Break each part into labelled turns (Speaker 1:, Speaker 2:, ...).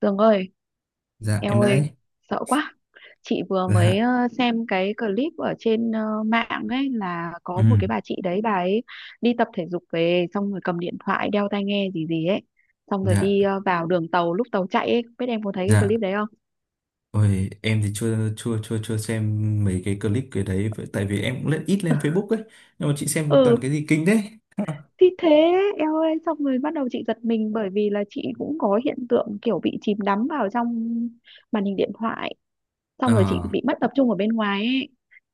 Speaker 1: Tường ơi,
Speaker 2: Dạ, em
Speaker 1: eo
Speaker 2: đấy.
Speaker 1: ơi, sợ quá. Chị vừa mới
Speaker 2: Dạ.
Speaker 1: xem cái clip ở trên mạng ấy là
Speaker 2: Ừ.
Speaker 1: có một cái bà chị đấy bà ấy đi tập thể dục về xong rồi cầm điện thoại đeo tai nghe gì gì ấy. Xong rồi
Speaker 2: Dạ.
Speaker 1: đi vào đường tàu lúc tàu chạy ấy, biết em có thấy cái
Speaker 2: Dạ.
Speaker 1: clip đấy không?
Speaker 2: Ôi, em thì chưa chưa chưa chưa xem mấy cái clip cái đấy tại vì em cũng ít lên Facebook ấy, nhưng mà chị xem
Speaker 1: Ừ,
Speaker 2: toàn cái gì kinh đấy.
Speaker 1: thì thế. Eo ơi, xong rồi bắt đầu chị giật mình bởi vì là chị cũng có hiện tượng kiểu bị chìm đắm vào trong màn hình điện thoại, xong
Speaker 2: Ờ.
Speaker 1: rồi chị bị mất tập trung ở bên ngoài ấy.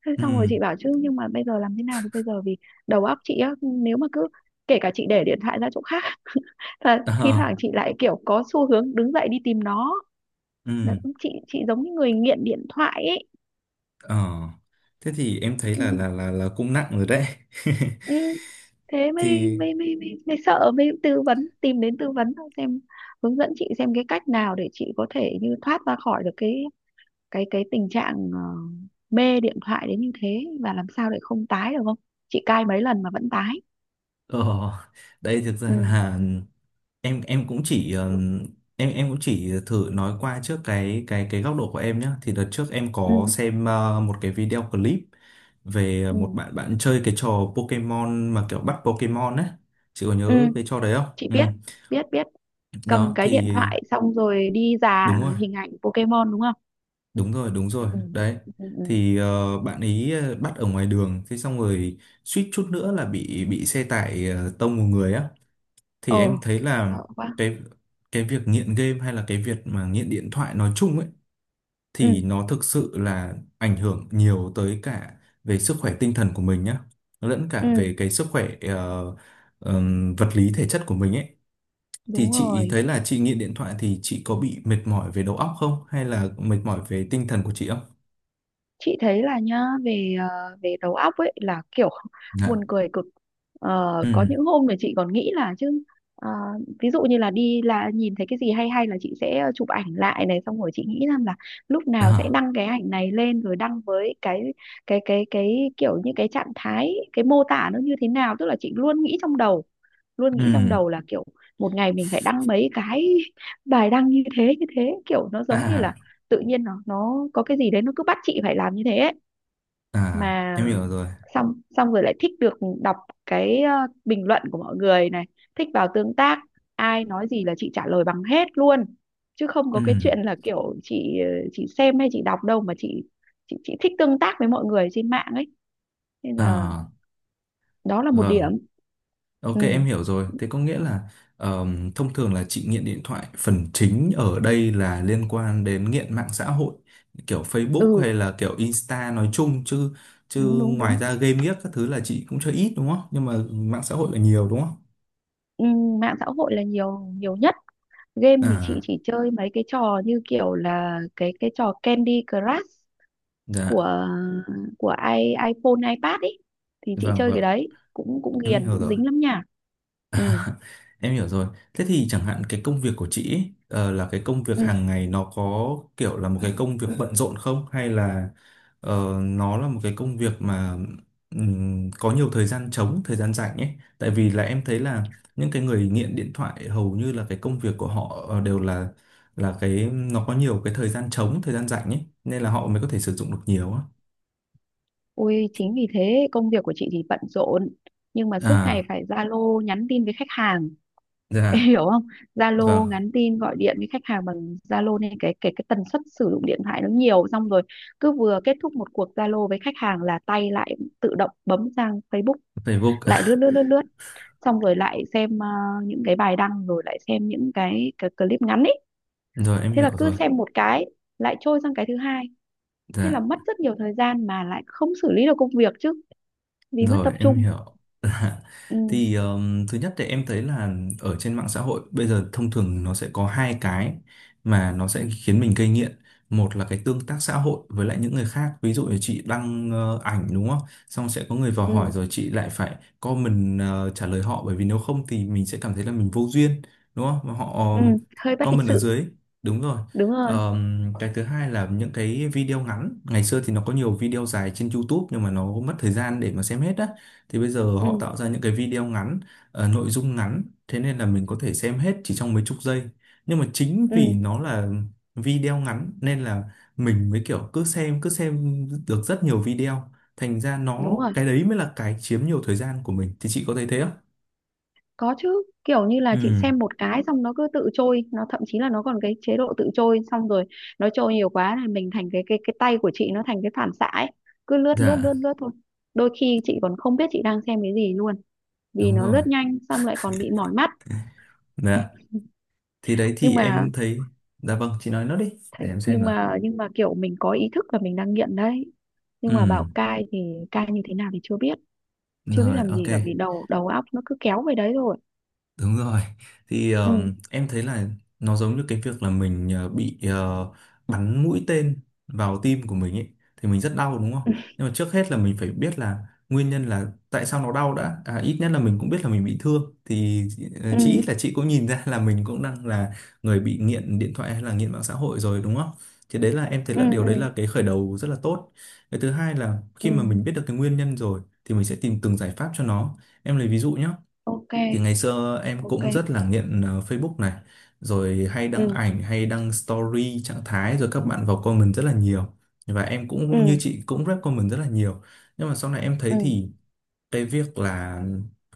Speaker 1: Thế xong rồi
Speaker 2: Ừ.
Speaker 1: chị bảo chứ nhưng mà bây giờ làm thế nào được bây giờ, vì đầu óc chị á nếu mà cứ kể cả chị để điện thoại ra chỗ khác là
Speaker 2: Ờ.
Speaker 1: thi thoảng chị lại kiểu có xu hướng đứng dậy đi tìm nó. Là
Speaker 2: Ừ.
Speaker 1: chị giống như người nghiện điện thoại ấy.
Speaker 2: Ờ. Thế thì em thấy là
Speaker 1: Ừ,
Speaker 2: là là là cũng nặng rồi đấy.
Speaker 1: ừ. Thế mới
Speaker 2: Thì
Speaker 1: mới mới mới, mới sợ, mới tư vấn, tìm đến tư vấn xem, hướng dẫn chị xem cái cách nào để chị có thể như thoát ra khỏi được cái tình trạng mê điện thoại đến như thế và làm sao để không tái được không. Chị cai mấy lần mà vẫn tái.
Speaker 2: ờ đây thực ra
Speaker 1: Ừ,
Speaker 2: là em em cũng chỉ ừm, em cũng chỉ thử nói qua trước cái góc độ của em nhé. Thì đợt trước em
Speaker 1: ừ,
Speaker 2: có xem một cái video clip về một
Speaker 1: ừ,
Speaker 2: bạn bạn chơi cái trò Pokemon mà kiểu bắt Pokemon ấy. Chị có
Speaker 1: ừ.
Speaker 2: nhớ cái trò đấy không?
Speaker 1: Chị
Speaker 2: Ừ.
Speaker 1: biết, biết, biết. Cầm
Speaker 2: Đó
Speaker 1: cái điện
Speaker 2: thì
Speaker 1: thoại xong rồi đi dà
Speaker 2: đúng rồi,
Speaker 1: hình ảnh Pokemon đúng không?
Speaker 2: đúng rồi, đúng rồi
Speaker 1: Ừ,
Speaker 2: đấy.
Speaker 1: ừ, ừ, ừ.
Speaker 2: Thì bạn ấy bắt ở ngoài đường thế xong rồi suýt chút nữa là bị xe tải tông một người á. Thì em
Speaker 1: Ồ,
Speaker 2: thấy là
Speaker 1: sợ quá.
Speaker 2: cái cái việc nghiện game hay là cái việc mà nghiện điện thoại nói chung ấy,
Speaker 1: Ừ,
Speaker 2: thì nó thực sự là ảnh hưởng nhiều tới cả về sức khỏe tinh thần của mình nhá, lẫn cả
Speaker 1: ừ,
Speaker 2: về cái sức khỏe vật lý thể chất của mình ấy. Thì
Speaker 1: đúng
Speaker 2: chị
Speaker 1: rồi.
Speaker 2: thấy là chị nghiện điện thoại thì chị có bị mệt mỏi về đầu óc không, hay là mệt mỏi về tinh thần của chị không?
Speaker 1: Chị thấy là nhá, về về đầu óc ấy là kiểu
Speaker 2: Dạ.
Speaker 1: buồn cười cực. Ờ, có những
Speaker 2: Ừ.
Speaker 1: hôm thì chị còn nghĩ là chứ ờ, ví dụ như là đi là nhìn thấy cái gì hay hay là chị sẽ chụp ảnh lại này, xong rồi chị nghĩ rằng là lúc nào sẽ
Speaker 2: À.
Speaker 1: đăng cái ảnh này lên rồi đăng với cái kiểu như cái trạng thái, cái mô tả nó như thế nào, tức là chị luôn nghĩ trong đầu,
Speaker 2: Ừ.
Speaker 1: là kiểu một ngày mình phải đăng mấy cái bài đăng như thế như thế, kiểu nó giống như là
Speaker 2: À,
Speaker 1: tự nhiên nó có cái gì đấy nó cứ bắt chị phải làm như thế ấy.
Speaker 2: à,
Speaker 1: Mà
Speaker 2: em hiểu rồi.
Speaker 1: xong xong rồi lại thích được đọc cái bình luận của mọi người này, thích vào tương tác, ai nói gì là chị trả lời bằng hết luôn, chứ không có cái chuyện
Speaker 2: Ừ.
Speaker 1: là kiểu chị chị xem hay chị đọc đâu mà chị thích tương tác với mọi người trên mạng ấy. Nên là
Speaker 2: À.
Speaker 1: đó là một
Speaker 2: Vâng.
Speaker 1: điểm.
Speaker 2: OK,
Speaker 1: Ừ,
Speaker 2: em hiểu rồi. Thế có nghĩa là thông thường là chị nghiện điện thoại phần chính ở đây là liên quan đến nghiện mạng xã hội kiểu Facebook
Speaker 1: ừ,
Speaker 2: hay là kiểu Insta nói chung chứ. Chứ
Speaker 1: đúng, đúng, đúng.
Speaker 2: ngoài ra game ghiếc các thứ là chị cũng chơi ít đúng không? Nhưng mà mạng xã hội là nhiều đúng không?
Speaker 1: Ừ, mạng xã hội là nhiều nhiều nhất. Game thì chị
Speaker 2: À.
Speaker 1: chỉ chơi mấy cái trò như kiểu là cái trò Candy Crush
Speaker 2: Dạ.
Speaker 1: của của i iPhone, iPad ấy, thì chị
Speaker 2: Vâng,
Speaker 1: chơi cái
Speaker 2: vâng,
Speaker 1: đấy cũng cũng
Speaker 2: em
Speaker 1: ghiền,
Speaker 2: hiểu
Speaker 1: cũng
Speaker 2: rồi.
Speaker 1: dính lắm nha. Ừ,
Speaker 2: Em hiểu rồi. Thế thì chẳng hạn cái công việc của chị ấy, là cái công việc
Speaker 1: ừ.
Speaker 2: hàng ngày, nó có kiểu là một cái công việc bận rộn không? Hay là nó là một cái công việc mà có nhiều thời gian trống, thời gian rảnh ấy? Tại vì là em thấy là những cái người nghiện điện thoại hầu như là cái công việc của họ đều là cái nó có nhiều cái thời gian trống, thời gian rảnh ấy, nên là họ mới có thể sử dụng được nhiều á.
Speaker 1: Ôi chính vì thế công việc của chị thì bận rộn nhưng mà suốt ngày
Speaker 2: À.
Speaker 1: phải Zalo nhắn tin với khách hàng. Em
Speaker 2: Dạ.
Speaker 1: hiểu không?
Speaker 2: Vâng.
Speaker 1: Zalo nhắn tin gọi điện với khách hàng bằng Zalo nên cái tần suất sử dụng điện thoại nó nhiều. Xong rồi cứ vừa kết thúc một cuộc Zalo với khách hàng là tay lại tự động bấm sang Facebook,
Speaker 2: Facebook.
Speaker 1: lại lướt lướt lướt lướt, xong rồi lại xem những cái bài đăng, rồi lại xem những cái clip ngắn ấy.
Speaker 2: Rồi, em
Speaker 1: Thế là
Speaker 2: hiểu
Speaker 1: cứ
Speaker 2: rồi.
Speaker 1: xem một cái lại trôi sang cái thứ hai. Thế
Speaker 2: Dạ.
Speaker 1: là mất rất nhiều thời gian mà lại không xử lý được công việc, chứ vì mất
Speaker 2: Rồi,
Speaker 1: tập
Speaker 2: em
Speaker 1: trung.
Speaker 2: hiểu.
Speaker 1: Ừ,
Speaker 2: Thì thứ nhất thì em thấy là ở trên mạng xã hội bây giờ thông thường nó sẽ có hai cái mà nó sẽ khiến mình gây nghiện. Một là cái tương tác xã hội với lại những người khác. Ví
Speaker 1: ừ,
Speaker 2: dụ là chị đăng ảnh đúng không? Xong sẽ có người vào
Speaker 1: ừ,
Speaker 2: hỏi rồi chị lại phải comment trả lời họ, bởi vì nếu không thì mình sẽ cảm thấy là mình vô duyên đúng không? Mà họ
Speaker 1: ừ. Hơi bất lịch
Speaker 2: comment ở
Speaker 1: sự,
Speaker 2: dưới. Đúng rồi.
Speaker 1: đúng rồi.
Speaker 2: Cái thứ hai là những cái video ngắn. Ngày xưa thì nó có nhiều video dài trên YouTube nhưng mà nó mất thời gian để mà xem hết á, thì bây giờ
Speaker 1: Ừ,
Speaker 2: họ tạo ra những cái video ngắn, nội dung ngắn, thế nên là mình có thể xem hết chỉ trong mấy chục giây. Nhưng mà chính
Speaker 1: ừ,
Speaker 2: vì nó là video ngắn nên là mình mới kiểu cứ xem được rất nhiều video, thành ra
Speaker 1: đúng
Speaker 2: nó
Speaker 1: rồi.
Speaker 2: cái đấy mới là cái chiếm nhiều thời gian của mình. Thì chị có thấy thế không?
Speaker 1: Có chứ, kiểu như là chị
Speaker 2: Ừ.
Speaker 1: xem một cái xong nó cứ tự trôi, nó thậm chí là nó còn cái chế độ tự trôi, xong rồi nó trôi nhiều quá là mình thành cái tay của chị nó thành cái phản xạ ấy, cứ lướt lướt lướt
Speaker 2: Dạ,
Speaker 1: lướt thôi. Đôi khi chị còn không biết chị đang xem cái gì luôn, vì
Speaker 2: đúng
Speaker 1: nó
Speaker 2: rồi.
Speaker 1: lướt nhanh xong lại còn bị mỏi mắt.
Speaker 2: Dạ. Thì đấy
Speaker 1: Nhưng
Speaker 2: thì
Speaker 1: mà
Speaker 2: em thấy. Dạ vâng, chị nói nốt đi. Để em xem nào.
Speaker 1: nhưng mà kiểu mình có ý thức là mình đang nghiện đấy, nhưng mà bảo
Speaker 2: Ừ,
Speaker 1: cai thì cai như thế nào thì chưa biết, chưa biết
Speaker 2: rồi,
Speaker 1: làm
Speaker 2: OK.
Speaker 1: gì cả vì đầu đầu óc nó cứ kéo về đấy rồi.
Speaker 2: Đúng rồi. Thì
Speaker 1: Ừ.
Speaker 2: em thấy là nó giống như cái việc là mình bị bắn mũi tên vào tim của mình ấy, thì mình rất đau đúng không? Nhưng mà trước hết là mình phải biết là nguyên nhân là tại sao nó đau đã. À, ít nhất là mình cũng biết là mình bị thương, thì
Speaker 1: Ừ,
Speaker 2: chí ít là chị cũng nhìn ra là mình cũng đang là người bị nghiện điện thoại hay là nghiện mạng xã hội rồi đúng không? Thì đấy là em thấy
Speaker 1: ừ,
Speaker 2: là điều đấy
Speaker 1: ừ,
Speaker 2: là cái khởi đầu rất là tốt. Cái thứ hai là khi mà
Speaker 1: ừ.
Speaker 2: mình biết được cái nguyên nhân rồi thì mình sẽ tìm từng giải pháp cho nó. Em lấy ví dụ nhé,
Speaker 1: Ok,
Speaker 2: thì ngày xưa em
Speaker 1: ok.
Speaker 2: cũng rất là nghiện Facebook này, rồi hay đăng
Speaker 1: Ừ,
Speaker 2: ảnh, hay đăng story, trạng thái, rồi các bạn vào comment rất là nhiều. Và em
Speaker 1: ừ,
Speaker 2: cũng như chị cũng rep comment rất là nhiều. Nhưng mà sau này em thấy
Speaker 1: ừ,
Speaker 2: thì cái việc là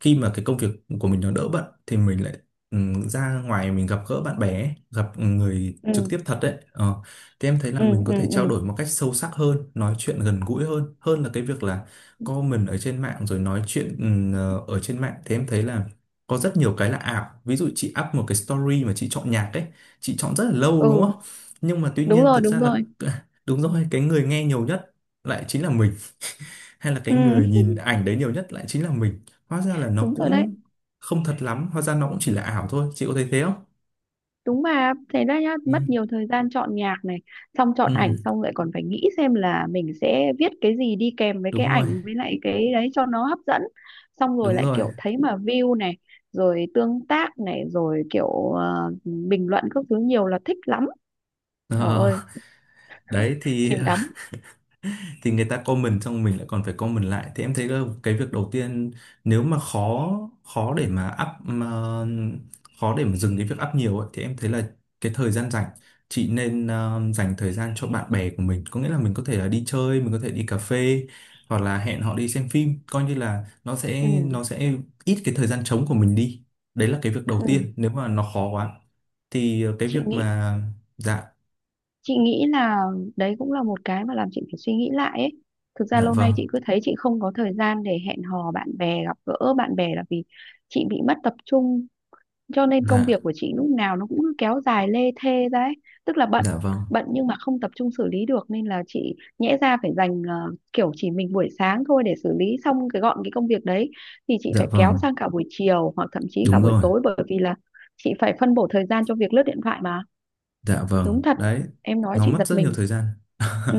Speaker 2: khi mà cái công việc của mình nó đỡ bận thì mình lại ra ngoài mình gặp gỡ bạn bè ấy, gặp người
Speaker 1: ừ,
Speaker 2: trực tiếp thật đấy, thì em thấy là
Speaker 1: ừ,
Speaker 2: mình có
Speaker 1: ừ,
Speaker 2: thể
Speaker 1: ừ,
Speaker 2: trao đổi một cách sâu sắc hơn, nói chuyện gần gũi hơn hơn là cái việc là comment ở trên mạng rồi nói chuyện ở trên mạng, thì em thấy là có rất nhiều cái là ảo. Ví dụ chị up một cái story mà chị chọn nhạc ấy, chị chọn rất là lâu
Speaker 1: ừ.
Speaker 2: đúng không? Nhưng mà tuy
Speaker 1: Đúng
Speaker 2: nhiên
Speaker 1: rồi,
Speaker 2: thực
Speaker 1: đúng
Speaker 2: ra là
Speaker 1: rồi.
Speaker 2: đúng rồi, cái người nghe nhiều nhất lại chính là mình, hay là cái
Speaker 1: Ừ.
Speaker 2: người nhìn ảnh đấy nhiều nhất lại chính là mình. Hóa ra là nó
Speaker 1: Đúng rồi đấy.
Speaker 2: cũng không thật lắm, hóa ra nó cũng chỉ là ảo thôi. Chị có thấy thế không?
Speaker 1: Đúng mà thế đó nhá,
Speaker 2: Ừ.
Speaker 1: mất nhiều thời gian chọn nhạc này, xong chọn
Speaker 2: Ừ,
Speaker 1: ảnh, xong lại còn phải nghĩ xem là mình sẽ viết cái gì đi kèm với cái
Speaker 2: đúng rồi,
Speaker 1: ảnh, với lại cái đấy cho nó hấp dẫn. Xong rồi
Speaker 2: đúng
Speaker 1: lại
Speaker 2: rồi.
Speaker 1: kiểu thấy mà view này, rồi tương tác này, rồi kiểu bình luận các thứ nhiều là thích lắm. Trời
Speaker 2: Ờ,
Speaker 1: ơi,
Speaker 2: đấy thì
Speaker 1: chìm đắm.
Speaker 2: người ta comment xong mình lại còn phải comment lại. Thì em thấy là cái việc đầu tiên, nếu mà khó khó để mà up, mà khó để mà dừng cái việc up nhiều ấy, thì em thấy là cái thời gian rảnh chị nên dành thời gian cho bạn bè của mình. Có nghĩa là mình có thể là đi chơi, mình có thể đi cà phê, hoặc là hẹn họ đi xem phim, coi như là nó
Speaker 1: Ừ,
Speaker 2: sẽ nó sẽ ít cái thời gian trống của mình đi. Đấy là cái việc đầu
Speaker 1: ừ.
Speaker 2: tiên. Nếu mà nó khó quá thì cái việc
Speaker 1: chị nghĩ
Speaker 2: mà. Dạ.
Speaker 1: chị nghĩ là đấy cũng là một cái mà làm chị phải suy nghĩ lại ấy. Thực ra
Speaker 2: Dạ
Speaker 1: lâu
Speaker 2: vâng.
Speaker 1: nay chị cứ thấy chị không có thời gian để hẹn hò bạn bè, gặp gỡ bạn bè là vì chị bị mất tập trung, cho nên công việc
Speaker 2: Dạ.
Speaker 1: của chị lúc nào nó cũng cứ kéo dài lê thê ra ấy. Tức là bận
Speaker 2: Dạ vâng.
Speaker 1: bận nhưng mà không tập trung xử lý được, nên là chị nhẽ ra phải dành kiểu chỉ mình buổi sáng thôi để xử lý xong cái gọn cái công việc đấy, thì chị
Speaker 2: Dạ
Speaker 1: phải kéo
Speaker 2: vâng,
Speaker 1: sang cả buổi chiều hoặc thậm chí cả
Speaker 2: đúng
Speaker 1: buổi
Speaker 2: rồi.
Speaker 1: tối, bởi vì là chị phải phân bổ thời gian cho việc lướt điện thoại mà.
Speaker 2: Dạ
Speaker 1: Đúng
Speaker 2: vâng,
Speaker 1: thật,
Speaker 2: đấy,
Speaker 1: em nói
Speaker 2: nó
Speaker 1: chị
Speaker 2: mất
Speaker 1: giật
Speaker 2: rất nhiều
Speaker 1: mình.
Speaker 2: thời gian.
Speaker 1: Ừ,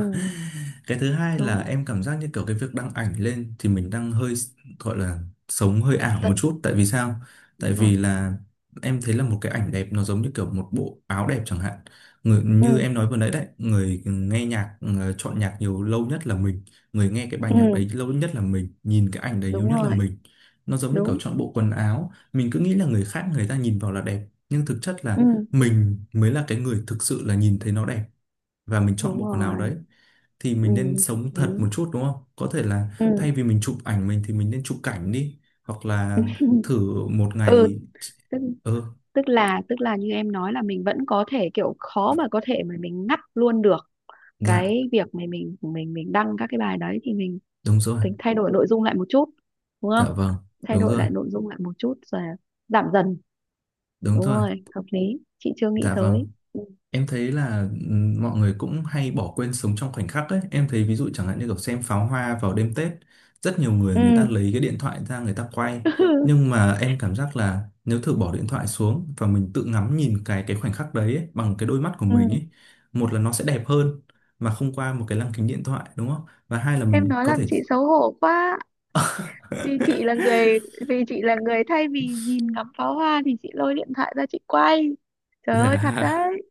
Speaker 2: Cái thứ hai là
Speaker 1: đúng.
Speaker 2: em cảm giác như kiểu cái việc đăng ảnh lên thì mình đang hơi gọi là sống hơi ảo một
Speaker 1: Tần
Speaker 2: chút. Tại vì sao? Tại
Speaker 1: Đúng rồi.
Speaker 2: vì là em thấy là một cái ảnh đẹp nó giống như kiểu một bộ áo đẹp chẳng hạn. Người,
Speaker 1: Ừ,
Speaker 2: như em nói vừa nãy đấy, người nghe nhạc, chọn nhạc nhiều lâu nhất là mình. Người nghe cái bài nhạc đấy
Speaker 1: ừ,
Speaker 2: lâu nhất là mình, nhìn cái ảnh đấy nhiều
Speaker 1: đúng
Speaker 2: nhất là
Speaker 1: rồi,
Speaker 2: mình. Nó giống như kiểu
Speaker 1: đúng.
Speaker 2: chọn bộ quần áo. Mình cứ nghĩ là người khác, người ta nhìn vào là đẹp. Nhưng thực chất
Speaker 1: Ừ,
Speaker 2: là mình mới là cái người thực sự là nhìn thấy nó đẹp, và mình chọn
Speaker 1: đúng
Speaker 2: bộ quần áo
Speaker 1: rồi.
Speaker 2: đấy. Thì
Speaker 1: Ừ,
Speaker 2: mình nên
Speaker 1: hợp
Speaker 2: sống
Speaker 1: lý.
Speaker 2: thật một chút đúng không? Có thể là
Speaker 1: Ừ.
Speaker 2: thay vì mình chụp ảnh mình thì mình nên chụp cảnh đi, hoặc là thử một
Speaker 1: Ừ.
Speaker 2: ngày.
Speaker 1: Tức
Speaker 2: Ừ.
Speaker 1: tức là như em nói là mình vẫn có thể kiểu khó mà có thể mà mình ngắt luôn được
Speaker 2: Dạ,
Speaker 1: cái việc mà mình đăng các cái bài đấy, thì
Speaker 2: đúng rồi.
Speaker 1: mình thay đổi nội dung lại một chút, đúng không?
Speaker 2: Dạ vâng.
Speaker 1: Thay
Speaker 2: Đúng
Speaker 1: đổi
Speaker 2: rồi,
Speaker 1: lại nội dung lại một chút rồi giảm dần.
Speaker 2: đúng
Speaker 1: Đúng
Speaker 2: rồi.
Speaker 1: rồi, hợp lý. Chị chưa nghĩ
Speaker 2: Dạ vâng.
Speaker 1: tới. Ừ,
Speaker 2: Em thấy là mọi người cũng hay bỏ quên sống trong khoảnh khắc ấy. Em thấy ví dụ chẳng hạn như kiểu xem pháo hoa vào đêm Tết, rất nhiều người,
Speaker 1: ừ.
Speaker 2: người ta lấy cái điện thoại ra người ta quay. Nhưng mà em cảm giác là nếu thử bỏ điện thoại xuống và mình tự ngắm nhìn cái khoảnh khắc đấy ấy, bằng cái đôi mắt của
Speaker 1: Ừ.
Speaker 2: mình ấy, một là nó sẽ đẹp hơn mà không qua một cái lăng kính điện thoại đúng không? Và hai là
Speaker 1: Em
Speaker 2: mình
Speaker 1: nói
Speaker 2: có
Speaker 1: làm
Speaker 2: thể
Speaker 1: chị xấu hổ quá. vì chị là người Vì chị là người thay vì nhìn ngắm pháo hoa thì chị lôi điện thoại ra chị quay. Trời ơi, thật
Speaker 2: dạ,
Speaker 1: đấy.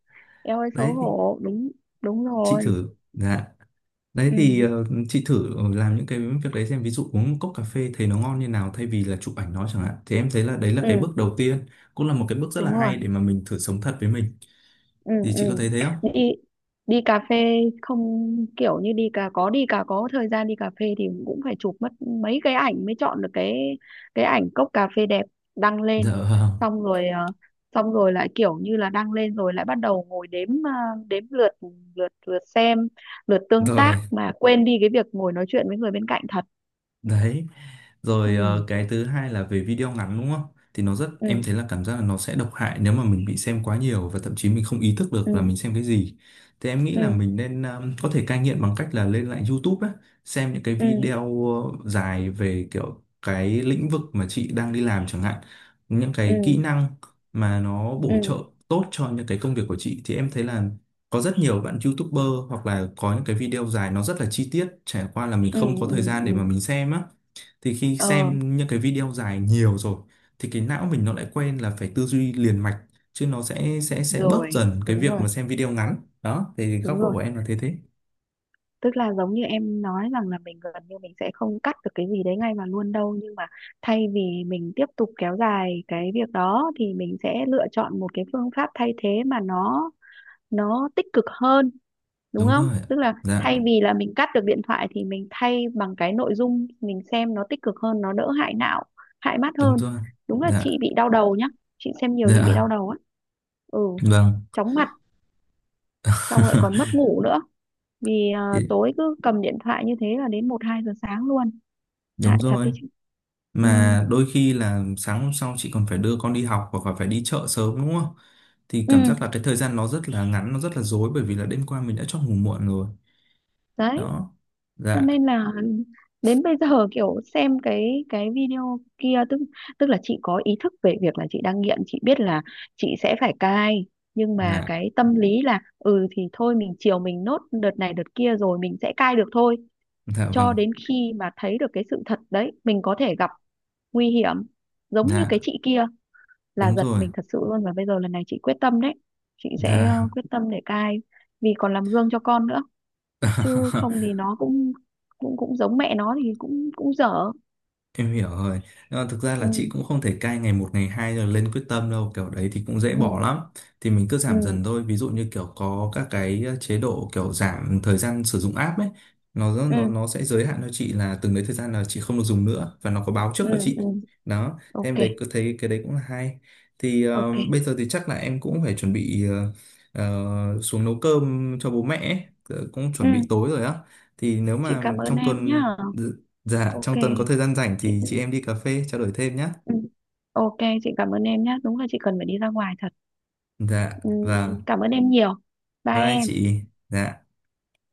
Speaker 1: Em ơi xấu
Speaker 2: đấy,
Speaker 1: hổ, đúng, đúng
Speaker 2: chị
Speaker 1: rồi.
Speaker 2: thử. Dạ. Đấy thì
Speaker 1: Ừ,
Speaker 2: chị thử làm những cái việc đấy xem, ví dụ uống một cốc cà phê thấy nó ngon như nào thay vì là chụp ảnh nó chẳng hạn, thì em thấy là đấy là cái
Speaker 1: ừ,
Speaker 2: bước đầu tiên, cũng là một cái bước rất là
Speaker 1: đúng rồi.
Speaker 2: hay để mà mình thử sống thật với mình.
Speaker 1: Ừ,
Speaker 2: Thì
Speaker 1: ừ.
Speaker 2: chị có thấy thế không?
Speaker 1: đi Đi cà phê không? Kiểu như đi cà có thời gian đi cà phê thì cũng phải chụp mất mấy cái ảnh mới chọn được cái ảnh cốc cà phê đẹp đăng
Speaker 2: Dạ
Speaker 1: lên.
Speaker 2: vâng.
Speaker 1: Xong rồi xong rồi lại kiểu như là đăng lên rồi lại bắt đầu ngồi đếm, đếm lượt, lượt lượt xem, lượt tương tác,
Speaker 2: Rồi
Speaker 1: mà quên đi cái việc ngồi nói chuyện với người bên cạnh thật.
Speaker 2: đấy.
Speaker 1: Ừ,
Speaker 2: Rồi, cái thứ hai là về video ngắn đúng không? Thì nó
Speaker 1: ừ,
Speaker 2: em thấy là cảm giác là nó sẽ độc hại nếu mà mình bị xem quá nhiều và thậm chí mình không ý thức được là
Speaker 1: ừ,
Speaker 2: mình xem cái gì. Thì em nghĩ là
Speaker 1: ừ,
Speaker 2: mình nên có thể cai nghiện bằng cách là lên lại YouTube á, xem những cái
Speaker 1: ừ,
Speaker 2: video dài về kiểu cái lĩnh vực mà chị đang đi làm chẳng hạn, những
Speaker 1: ừ,
Speaker 2: cái kỹ năng mà nó
Speaker 1: ừ,
Speaker 2: bổ trợ
Speaker 1: ừ,
Speaker 2: tốt cho những cái công việc của chị. Thì em thấy là có rất nhiều bạn YouTuber hoặc là có những cái video dài nó rất là chi tiết, trải qua là mình
Speaker 1: ừ,
Speaker 2: không có thời
Speaker 1: ừ,
Speaker 2: gian
Speaker 1: ừ.
Speaker 2: để mà mình xem á. Thì khi
Speaker 1: ờ
Speaker 2: xem những cái video dài nhiều rồi thì cái não mình nó lại quen là phải tư duy liền mạch, chứ nó sẽ bớt
Speaker 1: Rồi,
Speaker 2: dần cái
Speaker 1: đúng
Speaker 2: việc
Speaker 1: rồi,
Speaker 2: mà xem video ngắn. Đó thì góc
Speaker 1: đúng
Speaker 2: độ
Speaker 1: rồi.
Speaker 2: của em là thế. Thế
Speaker 1: Tức là giống như em nói rằng là mình gần như mình sẽ không cắt được cái gì đấy ngay mà luôn đâu, nhưng mà thay vì mình tiếp tục kéo dài cái việc đó thì mình sẽ lựa chọn một cái phương pháp thay thế mà nó tích cực hơn. Đúng
Speaker 2: đúng
Speaker 1: không,
Speaker 2: rồi ạ.
Speaker 1: tức là
Speaker 2: Dạ,
Speaker 1: thay vì là mình cắt được điện thoại thì mình thay bằng cái nội dung mình xem nó tích cực hơn, nó đỡ hại não, hại mắt
Speaker 2: đúng
Speaker 1: hơn.
Speaker 2: rồi.
Speaker 1: Đúng là
Speaker 2: Dạ.
Speaker 1: chị bị đau đầu nhá, chị xem nhiều chị bị đau
Speaker 2: Dạ
Speaker 1: đầu á. Ừ,
Speaker 2: vâng.
Speaker 1: chóng mặt, xong lại còn mất ngủ nữa vì
Speaker 2: Thì-
Speaker 1: tối cứ cầm điện thoại như thế là đến 1-2 giờ sáng luôn.
Speaker 2: Đúng
Speaker 1: Hại thật
Speaker 2: rồi.
Speaker 1: đấy chứ. Ừ.
Speaker 2: Mà đôi khi là sáng hôm sau chị còn phải đưa con đi học hoặc là phải đi chợ sớm đúng không? Thì
Speaker 1: Ừ
Speaker 2: cảm giác là cái thời gian nó rất là ngắn, nó rất là rối, bởi vì là đêm qua mình đã cho ngủ muộn rồi.
Speaker 1: đấy,
Speaker 2: Đó.
Speaker 1: cho
Speaker 2: Dạ.
Speaker 1: nên là đến bây giờ kiểu xem cái video kia, tức tức là chị có ý thức về việc là chị đang nghiện, chị biết là chị sẽ phải cai. Nhưng mà
Speaker 2: Dạ.
Speaker 1: cái tâm lý là ừ thì thôi, mình chiều mình nốt đợt này đợt kia rồi mình sẽ cai được thôi.
Speaker 2: Dạ
Speaker 1: Cho
Speaker 2: vâng.
Speaker 1: đến khi mà thấy được cái sự thật đấy mình có thể gặp nguy hiểm giống như cái
Speaker 2: Dạ,
Speaker 1: chị kia, là
Speaker 2: đúng
Speaker 1: giật
Speaker 2: rồi.
Speaker 1: mình thật sự luôn. Và bây giờ lần này chị quyết tâm đấy, chị sẽ
Speaker 2: Là
Speaker 1: quyết tâm để cai vì còn làm gương cho con nữa, chứ không thì nó cũng cũng cũng giống mẹ nó thì cũng cũng dở.
Speaker 2: Em hiểu rồi. Nhưng mà thực ra là chị
Speaker 1: Ừ,
Speaker 2: cũng không thể cai ngày một ngày hai rồi lên quyết tâm đâu, kiểu đấy thì cũng dễ
Speaker 1: ừ,
Speaker 2: bỏ lắm. Thì mình cứ
Speaker 1: ừ,
Speaker 2: giảm dần thôi. Ví dụ như kiểu có các cái chế độ kiểu giảm thời gian sử dụng app ấy, nó
Speaker 1: ừ,
Speaker 2: nó nó sẽ giới hạn cho chị là từng đấy thời gian là chị không được dùng nữa và nó có báo trước
Speaker 1: ừ,
Speaker 2: cho
Speaker 1: ừ.
Speaker 2: chị. Đó. Thế
Speaker 1: Ok,
Speaker 2: em đấy cứ thấy cái đấy cũng là hay. Thì
Speaker 1: ok.
Speaker 2: bây giờ thì chắc là em cũng phải chuẩn bị xuống nấu cơm cho bố mẹ ấy. Ờ, Cũng chuẩn bị
Speaker 1: Ừ,
Speaker 2: tối rồi á. Thì nếu
Speaker 1: chị
Speaker 2: mà
Speaker 1: cảm ơn
Speaker 2: trong
Speaker 1: em nhá.
Speaker 2: tuần. Dạ,
Speaker 1: Ok
Speaker 2: trong tuần có thời gian rảnh
Speaker 1: chị.
Speaker 2: thì chị em đi cà phê trao đổi thêm nhé.
Speaker 1: Ừ. Ok, chị cảm ơn em nhá, đúng là chị cần phải đi ra ngoài thật.
Speaker 2: Dạ,
Speaker 1: Ừ.
Speaker 2: vâng.
Speaker 1: Cảm ơn em nhiều. Bye
Speaker 2: Bye
Speaker 1: em.
Speaker 2: chị. Dạ.